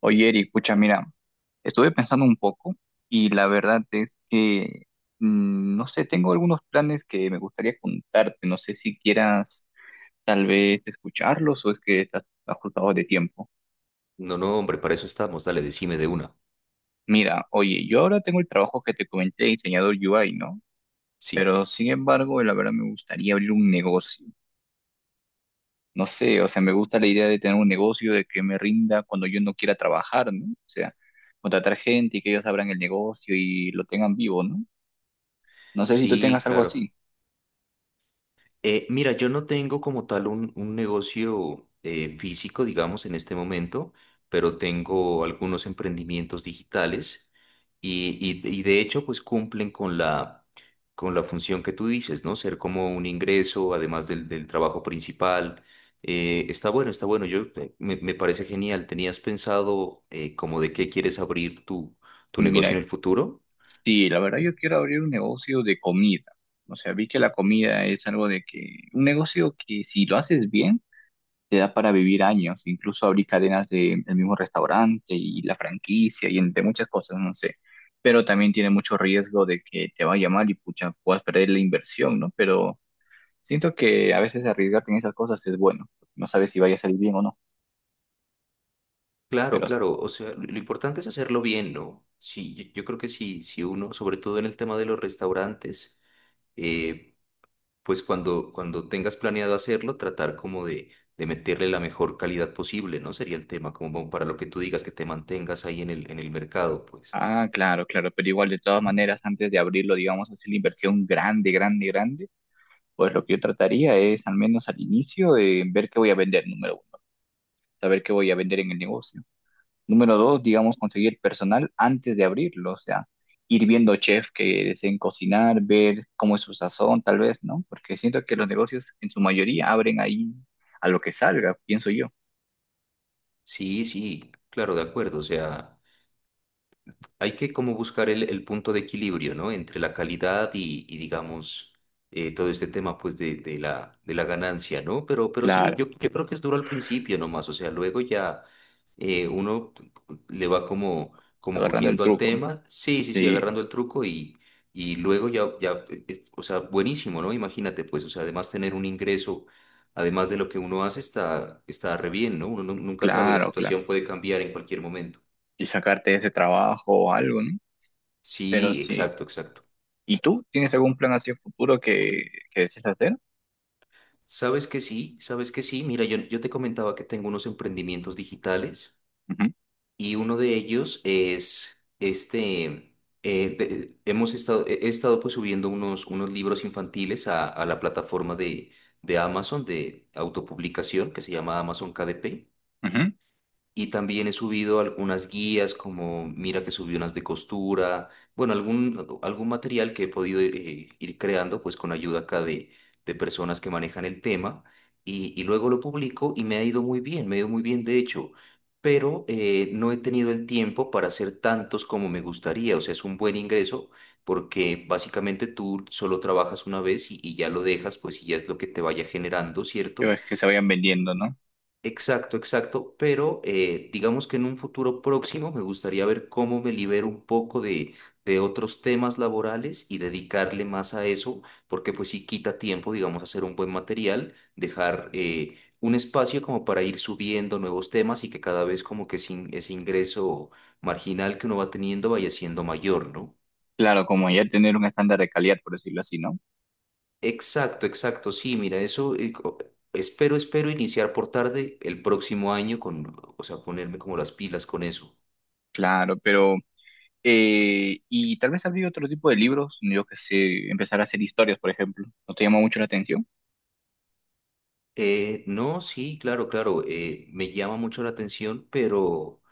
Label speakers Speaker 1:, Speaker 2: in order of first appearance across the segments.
Speaker 1: Oye, Eri, escucha, mira, estuve pensando un poco y la verdad es que, no sé, tengo algunos planes que me gustaría contarte, no sé si quieras tal vez escucharlos o es que estás ajustado de tiempo.
Speaker 2: No, no, hombre, para eso estamos. Dale, decime de una.
Speaker 1: Mira, oye, yo ahora tengo el trabajo que te comenté, de diseñador UI, ¿no?
Speaker 2: Sí,
Speaker 1: Pero sin embargo, la verdad me gustaría abrir un negocio. No sé, o sea, me gusta la idea de tener un negocio, de que me rinda cuando yo no quiera trabajar, ¿no? O sea, contratar gente y que ellos abran el negocio y lo tengan vivo, ¿no? No sé si tú
Speaker 2: sí,
Speaker 1: tengas algo
Speaker 2: claro.
Speaker 1: así.
Speaker 2: Mira, yo no tengo como tal un negocio físico, digamos, en este momento, pero tengo algunos emprendimientos digitales y de hecho, pues cumplen con la función que tú dices, ¿no? Ser como un ingreso, además del trabajo principal. Está bueno, está bueno. Me parece genial. ¿Tenías pensado como de qué quieres abrir tu negocio
Speaker 1: Mira,
Speaker 2: en el futuro?
Speaker 1: sí, la verdad yo quiero abrir un negocio de comida. O sea, vi que la comida es algo de que, un negocio que si lo haces bien, te da para vivir años. Incluso abrir cadenas de, del mismo restaurante y la franquicia y entre muchas cosas, no sé. Pero también tiene mucho riesgo de que te vaya mal y pucha, puedas perder la inversión, ¿no? Pero siento que a veces arriesgarte en esas cosas es bueno. No sabes si vaya a salir bien o no.
Speaker 2: Claro,
Speaker 1: Pero
Speaker 2: claro. O sea, lo importante es hacerlo bien, ¿no? Sí, yo creo que sí, si uno, sobre todo en el tema de los restaurantes, eh, pues cuando tengas planeado hacerlo, tratar como de meterle la mejor calidad posible, ¿no? Sería el tema, como para lo que tú digas, que te mantengas ahí en el mercado, pues.
Speaker 1: ah, claro, claro, pero igual de todas maneras, antes de abrirlo, digamos, hacer la inversión grande, grande, grande, pues lo que yo trataría es, al menos al inicio, ver qué voy a vender, número uno, saber qué voy a vender en el negocio. Número dos, digamos, conseguir personal antes de abrirlo, o sea, ir viendo chefs que deseen cocinar, ver cómo es su sazón, tal vez, ¿no? Porque siento que los negocios en su mayoría abren ahí a lo que salga, pienso yo.
Speaker 2: Sí, sí, claro, de acuerdo. O sea, hay que como buscar el punto de equilibrio, ¿no? Entre la calidad y digamos, todo este tema, pues, de la ganancia, ¿no? Pero sí,
Speaker 1: Claro,
Speaker 2: yo creo que es duro al principio nomás, o sea, luego ya uno le va como, como
Speaker 1: agarrando el
Speaker 2: cogiendo al
Speaker 1: truco.
Speaker 2: tema, sí, sí, sí,
Speaker 1: Sí,
Speaker 2: agarrando el truco y luego ya, ya, o sea, buenísimo, ¿no? Imagínate, pues, o sea, además tener un ingreso, además de lo que uno hace, está, está re bien, ¿no? Nunca sabe, la
Speaker 1: claro, claro.
Speaker 2: situación puede cambiar en cualquier momento.
Speaker 1: Y sacarte de ese trabajo o algo, ¿no? Pero
Speaker 2: Sí,
Speaker 1: sí.
Speaker 2: exacto, exacto.
Speaker 1: ¿Y tú? ¿Tienes algún plan hacia el futuro que desees hacer?
Speaker 2: Sabes que sí, sabes que sí. Mira, yo te comentaba que tengo unos emprendimientos digitales
Speaker 1: Ujú,
Speaker 2: y uno de ellos es este, hemos estado, he estado pues subiendo unos libros infantiles a la plataforma de Amazon de autopublicación que se llama Amazon KDP.
Speaker 1: ujú.
Speaker 2: Y también he subido algunas guías, como mira que subí unas de costura, bueno, algún material que he podido ir creando, pues con ayuda acá de personas que manejan el tema, y luego lo publico y me ha ido muy bien, me ha ido muy bien de hecho, pero no he tenido el tiempo para hacer tantos como me gustaría, o sea, es un buen ingreso porque básicamente tú solo trabajas una vez y ya lo dejas, pues y ya es lo que te vaya generando,
Speaker 1: Que,
Speaker 2: ¿cierto?
Speaker 1: ves que se vayan vendiendo, ¿no?
Speaker 2: Exacto, exacto, pero digamos que en un futuro próximo me gustaría ver cómo me libero un poco de otros temas laborales y dedicarle más a eso, porque pues sí quita tiempo, digamos, hacer un buen material, dejar un espacio como para ir subiendo nuevos temas y que cada vez como que ese ingreso marginal que uno va teniendo vaya siendo mayor, ¿no?
Speaker 1: Claro, como ya tener un estándar de calidad, por decirlo así, ¿no?
Speaker 2: Exacto, exacto, sí, mira, eso espero, espero iniciar por tarde el próximo año con, o sea, ponerme como las pilas con eso.
Speaker 1: Claro, pero... y tal vez habría otro tipo de libros, yo que sé, empezar a hacer historias, por ejemplo. ¿No te llama mucho la atención?
Speaker 2: No, sí, claro, claro, me llama mucho la atención, pero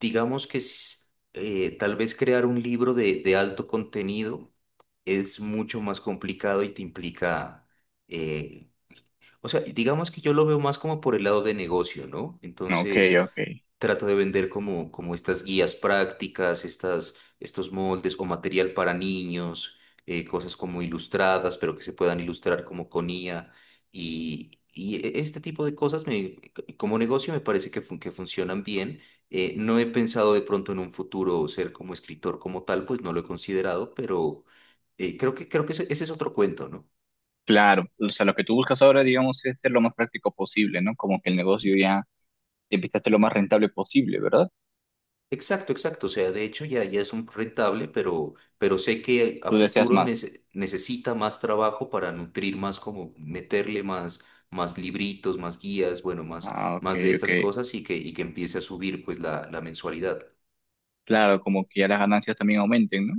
Speaker 2: digamos que tal vez crear un libro de alto contenido es mucho más complicado y te implica, eh, o sea, digamos que yo lo veo más como por el lado de negocio, ¿no?
Speaker 1: Ok,
Speaker 2: Entonces
Speaker 1: ok.
Speaker 2: trato de vender como, como estas guías prácticas, estas, estos moldes o material para niños, cosas como ilustradas, pero que se puedan ilustrar como con IA. Este tipo de cosas me, como negocio me parece que funcionan bien. No he pensado de pronto en un futuro ser como escritor como tal, pues no lo he considerado, pero creo que ese es otro cuento, ¿no?
Speaker 1: Claro, o sea, lo que tú buscas ahora, digamos, es ser lo más práctico posible, ¿no? Como que el negocio ya empieza a ser lo más rentable posible, ¿verdad?
Speaker 2: Exacto, exacto. O sea, de hecho ya, ya es un rentable, pero sé que a
Speaker 1: Tú deseas
Speaker 2: futuro
Speaker 1: más.
Speaker 2: necesita más trabajo para nutrir más, como meterle más, más libritos, más guías, bueno, más,
Speaker 1: Ah, ok,
Speaker 2: más de
Speaker 1: ok.
Speaker 2: estas cosas y que empiece a subir pues la mensualidad.
Speaker 1: Claro, como que ya las ganancias también aumenten, ¿no?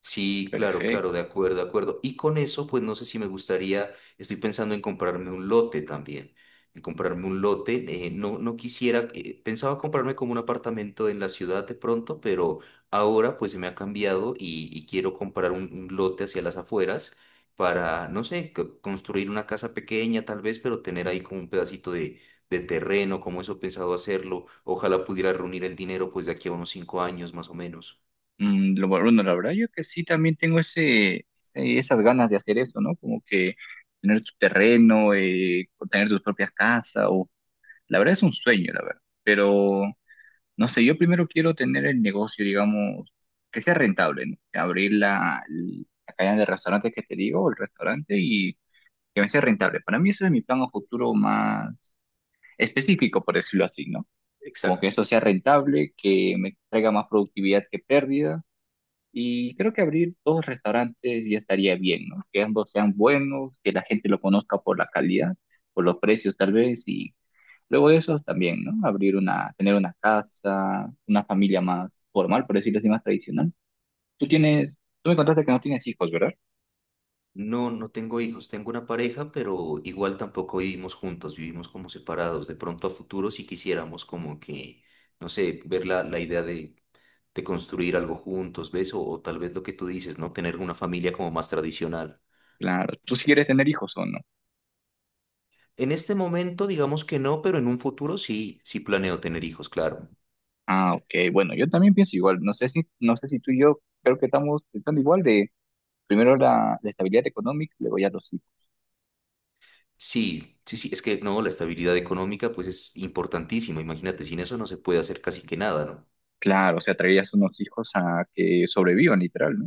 Speaker 2: Sí, claro,
Speaker 1: Perfecto.
Speaker 2: claro, de acuerdo, de acuerdo. Y con eso, pues no sé si me gustaría, estoy pensando en comprarme un lote también, en comprarme un lote. No quisiera, pensaba comprarme como un apartamento en la ciudad de pronto, pero ahora pues se me ha cambiado y quiero comprar un lote hacia las afueras para, no sé, construir una casa pequeña tal vez, pero tener ahí como un pedacito de terreno, como eso he pensado hacerlo. Ojalá pudiera reunir el dinero pues de aquí a unos cinco años más o menos.
Speaker 1: Mm, lo bueno, la verdad yo que sí también tengo ese, esas ganas de hacer eso, ¿no? Como que tener tu terreno, o tener tus propias casas, o la verdad es un sueño, la verdad. Pero no sé, yo primero quiero tener el negocio, digamos, que sea rentable, ¿no? Abrir la, la cadena de restaurantes que te digo, el restaurante, y que me sea rentable. Para mí eso es mi plan a futuro más específico, por decirlo así, ¿no? Como que
Speaker 2: Exacto.
Speaker 1: eso sea rentable, que me traiga más productividad que pérdida. Y creo que abrir dos restaurantes ya estaría bien, ¿no? Que ambos sean buenos, que la gente lo conozca por la calidad, por los precios tal vez, y luego de eso también, ¿no? Abrir una, tener una casa, una familia más formal, por decirlo así, más tradicional. Tú tienes, tú me contaste que no tienes hijos, ¿verdad?
Speaker 2: No, no tengo hijos, tengo una pareja, pero igual tampoco vivimos juntos, vivimos como separados. De pronto a futuro si quisiéramos como que, no sé, ver la idea de construir algo juntos, ¿ves? O tal vez lo que tú dices, ¿no? Tener una familia como más tradicional.
Speaker 1: Claro, tú sí quieres tener hijos o no.
Speaker 2: En este momento digamos que no, pero en un futuro sí, sí planeo tener hijos, claro.
Speaker 1: Ah, ok, bueno, yo también pienso igual. No sé si, no sé si tú y yo creo que estamos pensando igual de primero la, la estabilidad económica, luego ya los hijos.
Speaker 2: Sí, sí, sí, es que no, la estabilidad económica pues es importantísima, imagínate, sin eso no se puede hacer casi que nada, ¿no?
Speaker 1: Claro, o sea, traerías unos hijos a que sobrevivan, literal, ¿no?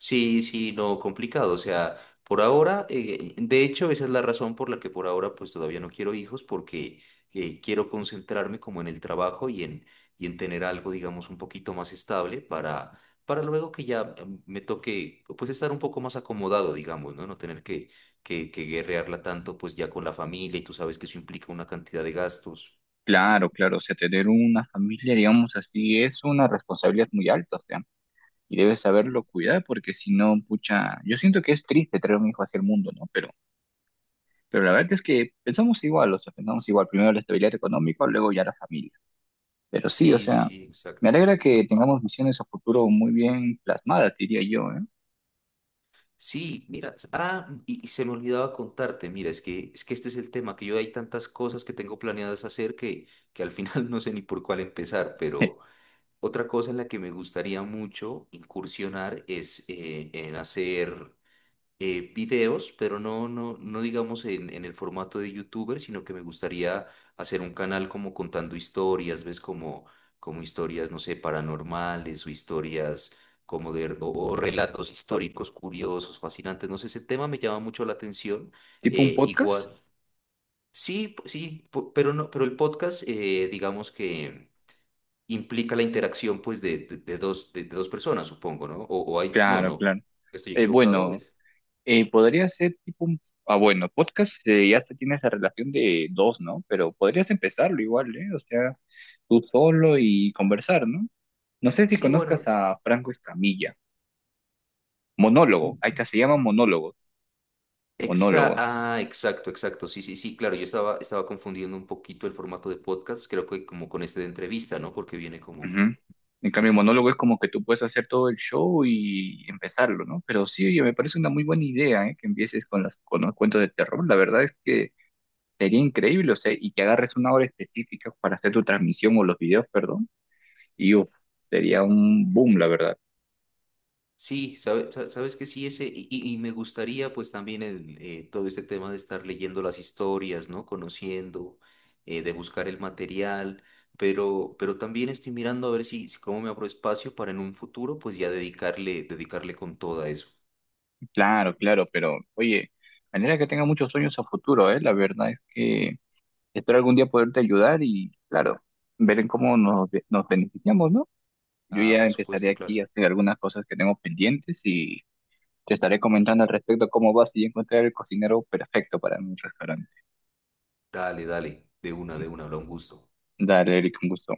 Speaker 2: Sí, sí, no, complicado. O sea, por ahora, de hecho, esa es la razón por la que por ahora pues todavía no quiero hijos, porque quiero concentrarme como en el trabajo y en tener algo, digamos, un poquito más estable para luego que ya me toque, pues estar un poco más acomodado, digamos, ¿no? No tener que guerrearla tanto, pues ya con la familia y tú sabes que eso implica una cantidad de gastos.
Speaker 1: Claro, claro, o sea, tener una familia, digamos así, es una responsabilidad muy alta, o sea, y debes saberlo cuidar, porque si no, pucha, yo siento que es triste traer un hijo hacia el mundo, ¿no? Pero la verdad es que pensamos igual, o sea, pensamos igual, primero la estabilidad económica, luego ya la familia. Pero sí, o
Speaker 2: Sí,
Speaker 1: sea,
Speaker 2: sí,
Speaker 1: me
Speaker 2: exacto.
Speaker 1: alegra que tengamos visiones a futuro muy bien plasmadas, diría yo,
Speaker 2: Sí, mira, se me olvidaba contarte, mira, es que este es el tema, que yo hay tantas cosas que tengo planeadas hacer que al final no sé ni por cuál empezar,
Speaker 1: ¿eh?
Speaker 2: pero otra cosa en la que me gustaría mucho incursionar es en hacer videos, pero no digamos en el formato de youtuber, sino que me gustaría hacer un canal como contando historias, ¿ves? Como, como historias, no sé, paranormales o historias como o relatos históricos curiosos, fascinantes, no sé, ese tema me llama mucho la atención,
Speaker 1: ¿Tipo un podcast?
Speaker 2: igual. Sí, pero no, pero el podcast, digamos que implica la interacción, pues, de dos, de dos personas, supongo, ¿no? O hay, no,
Speaker 1: Claro,
Speaker 2: no,
Speaker 1: claro.
Speaker 2: estoy equivocado.
Speaker 1: Bueno. Podría ser tipo un... Ah, bueno, podcast ya te tiene esa relación de dos, ¿no? Pero podrías empezarlo igual, ¿eh? O sea, tú solo y conversar, ¿no? No sé si
Speaker 2: Sí,
Speaker 1: conozcas
Speaker 2: bueno.
Speaker 1: a Franco Escamilla. Monólogo, ahí está, se llama monólogos. Monólogos.
Speaker 2: Exacto, exacto. Sí, sí, sí, claro. Yo estaba, estaba confundiendo un poquito el formato de podcast, creo que como con este de entrevista, ¿no? Porque viene como...
Speaker 1: Ujú. En cambio, monólogo es como que tú puedes hacer todo el show y empezarlo, ¿no? Pero sí, oye, me parece una muy buena idea, ¿eh? Que empieces con las, con los cuentos de terror. La verdad es que sería increíble, o sea, y que agarres una hora específica para hacer tu transmisión o los videos, perdón. Y uf, sería un boom, la verdad.
Speaker 2: Sí, sabes que sí, ese, y me gustaría pues también el, todo este tema de estar leyendo las historias, ¿no? Conociendo, de buscar el material, pero también estoy mirando a ver si cómo me abro espacio para en un futuro pues ya dedicarle, dedicarle con todo a eso.
Speaker 1: Claro, claro, pero oye, manera que tenga muchos sueños a futuro, ¿eh? La verdad es que espero algún día poderte ayudar y, claro, ver en cómo nos, nos beneficiamos, ¿no? Yo
Speaker 2: Ah,
Speaker 1: ya
Speaker 2: por
Speaker 1: empezaré
Speaker 2: supuesto, claro.
Speaker 1: aquí a hacer algunas cosas que tengo pendientes y te estaré comentando al respecto cómo vas y encontrar el cocinero perfecto para mi restaurante.
Speaker 2: Dale, dale, de una, habrá un gusto.
Speaker 1: Dale, Eric, un gusto.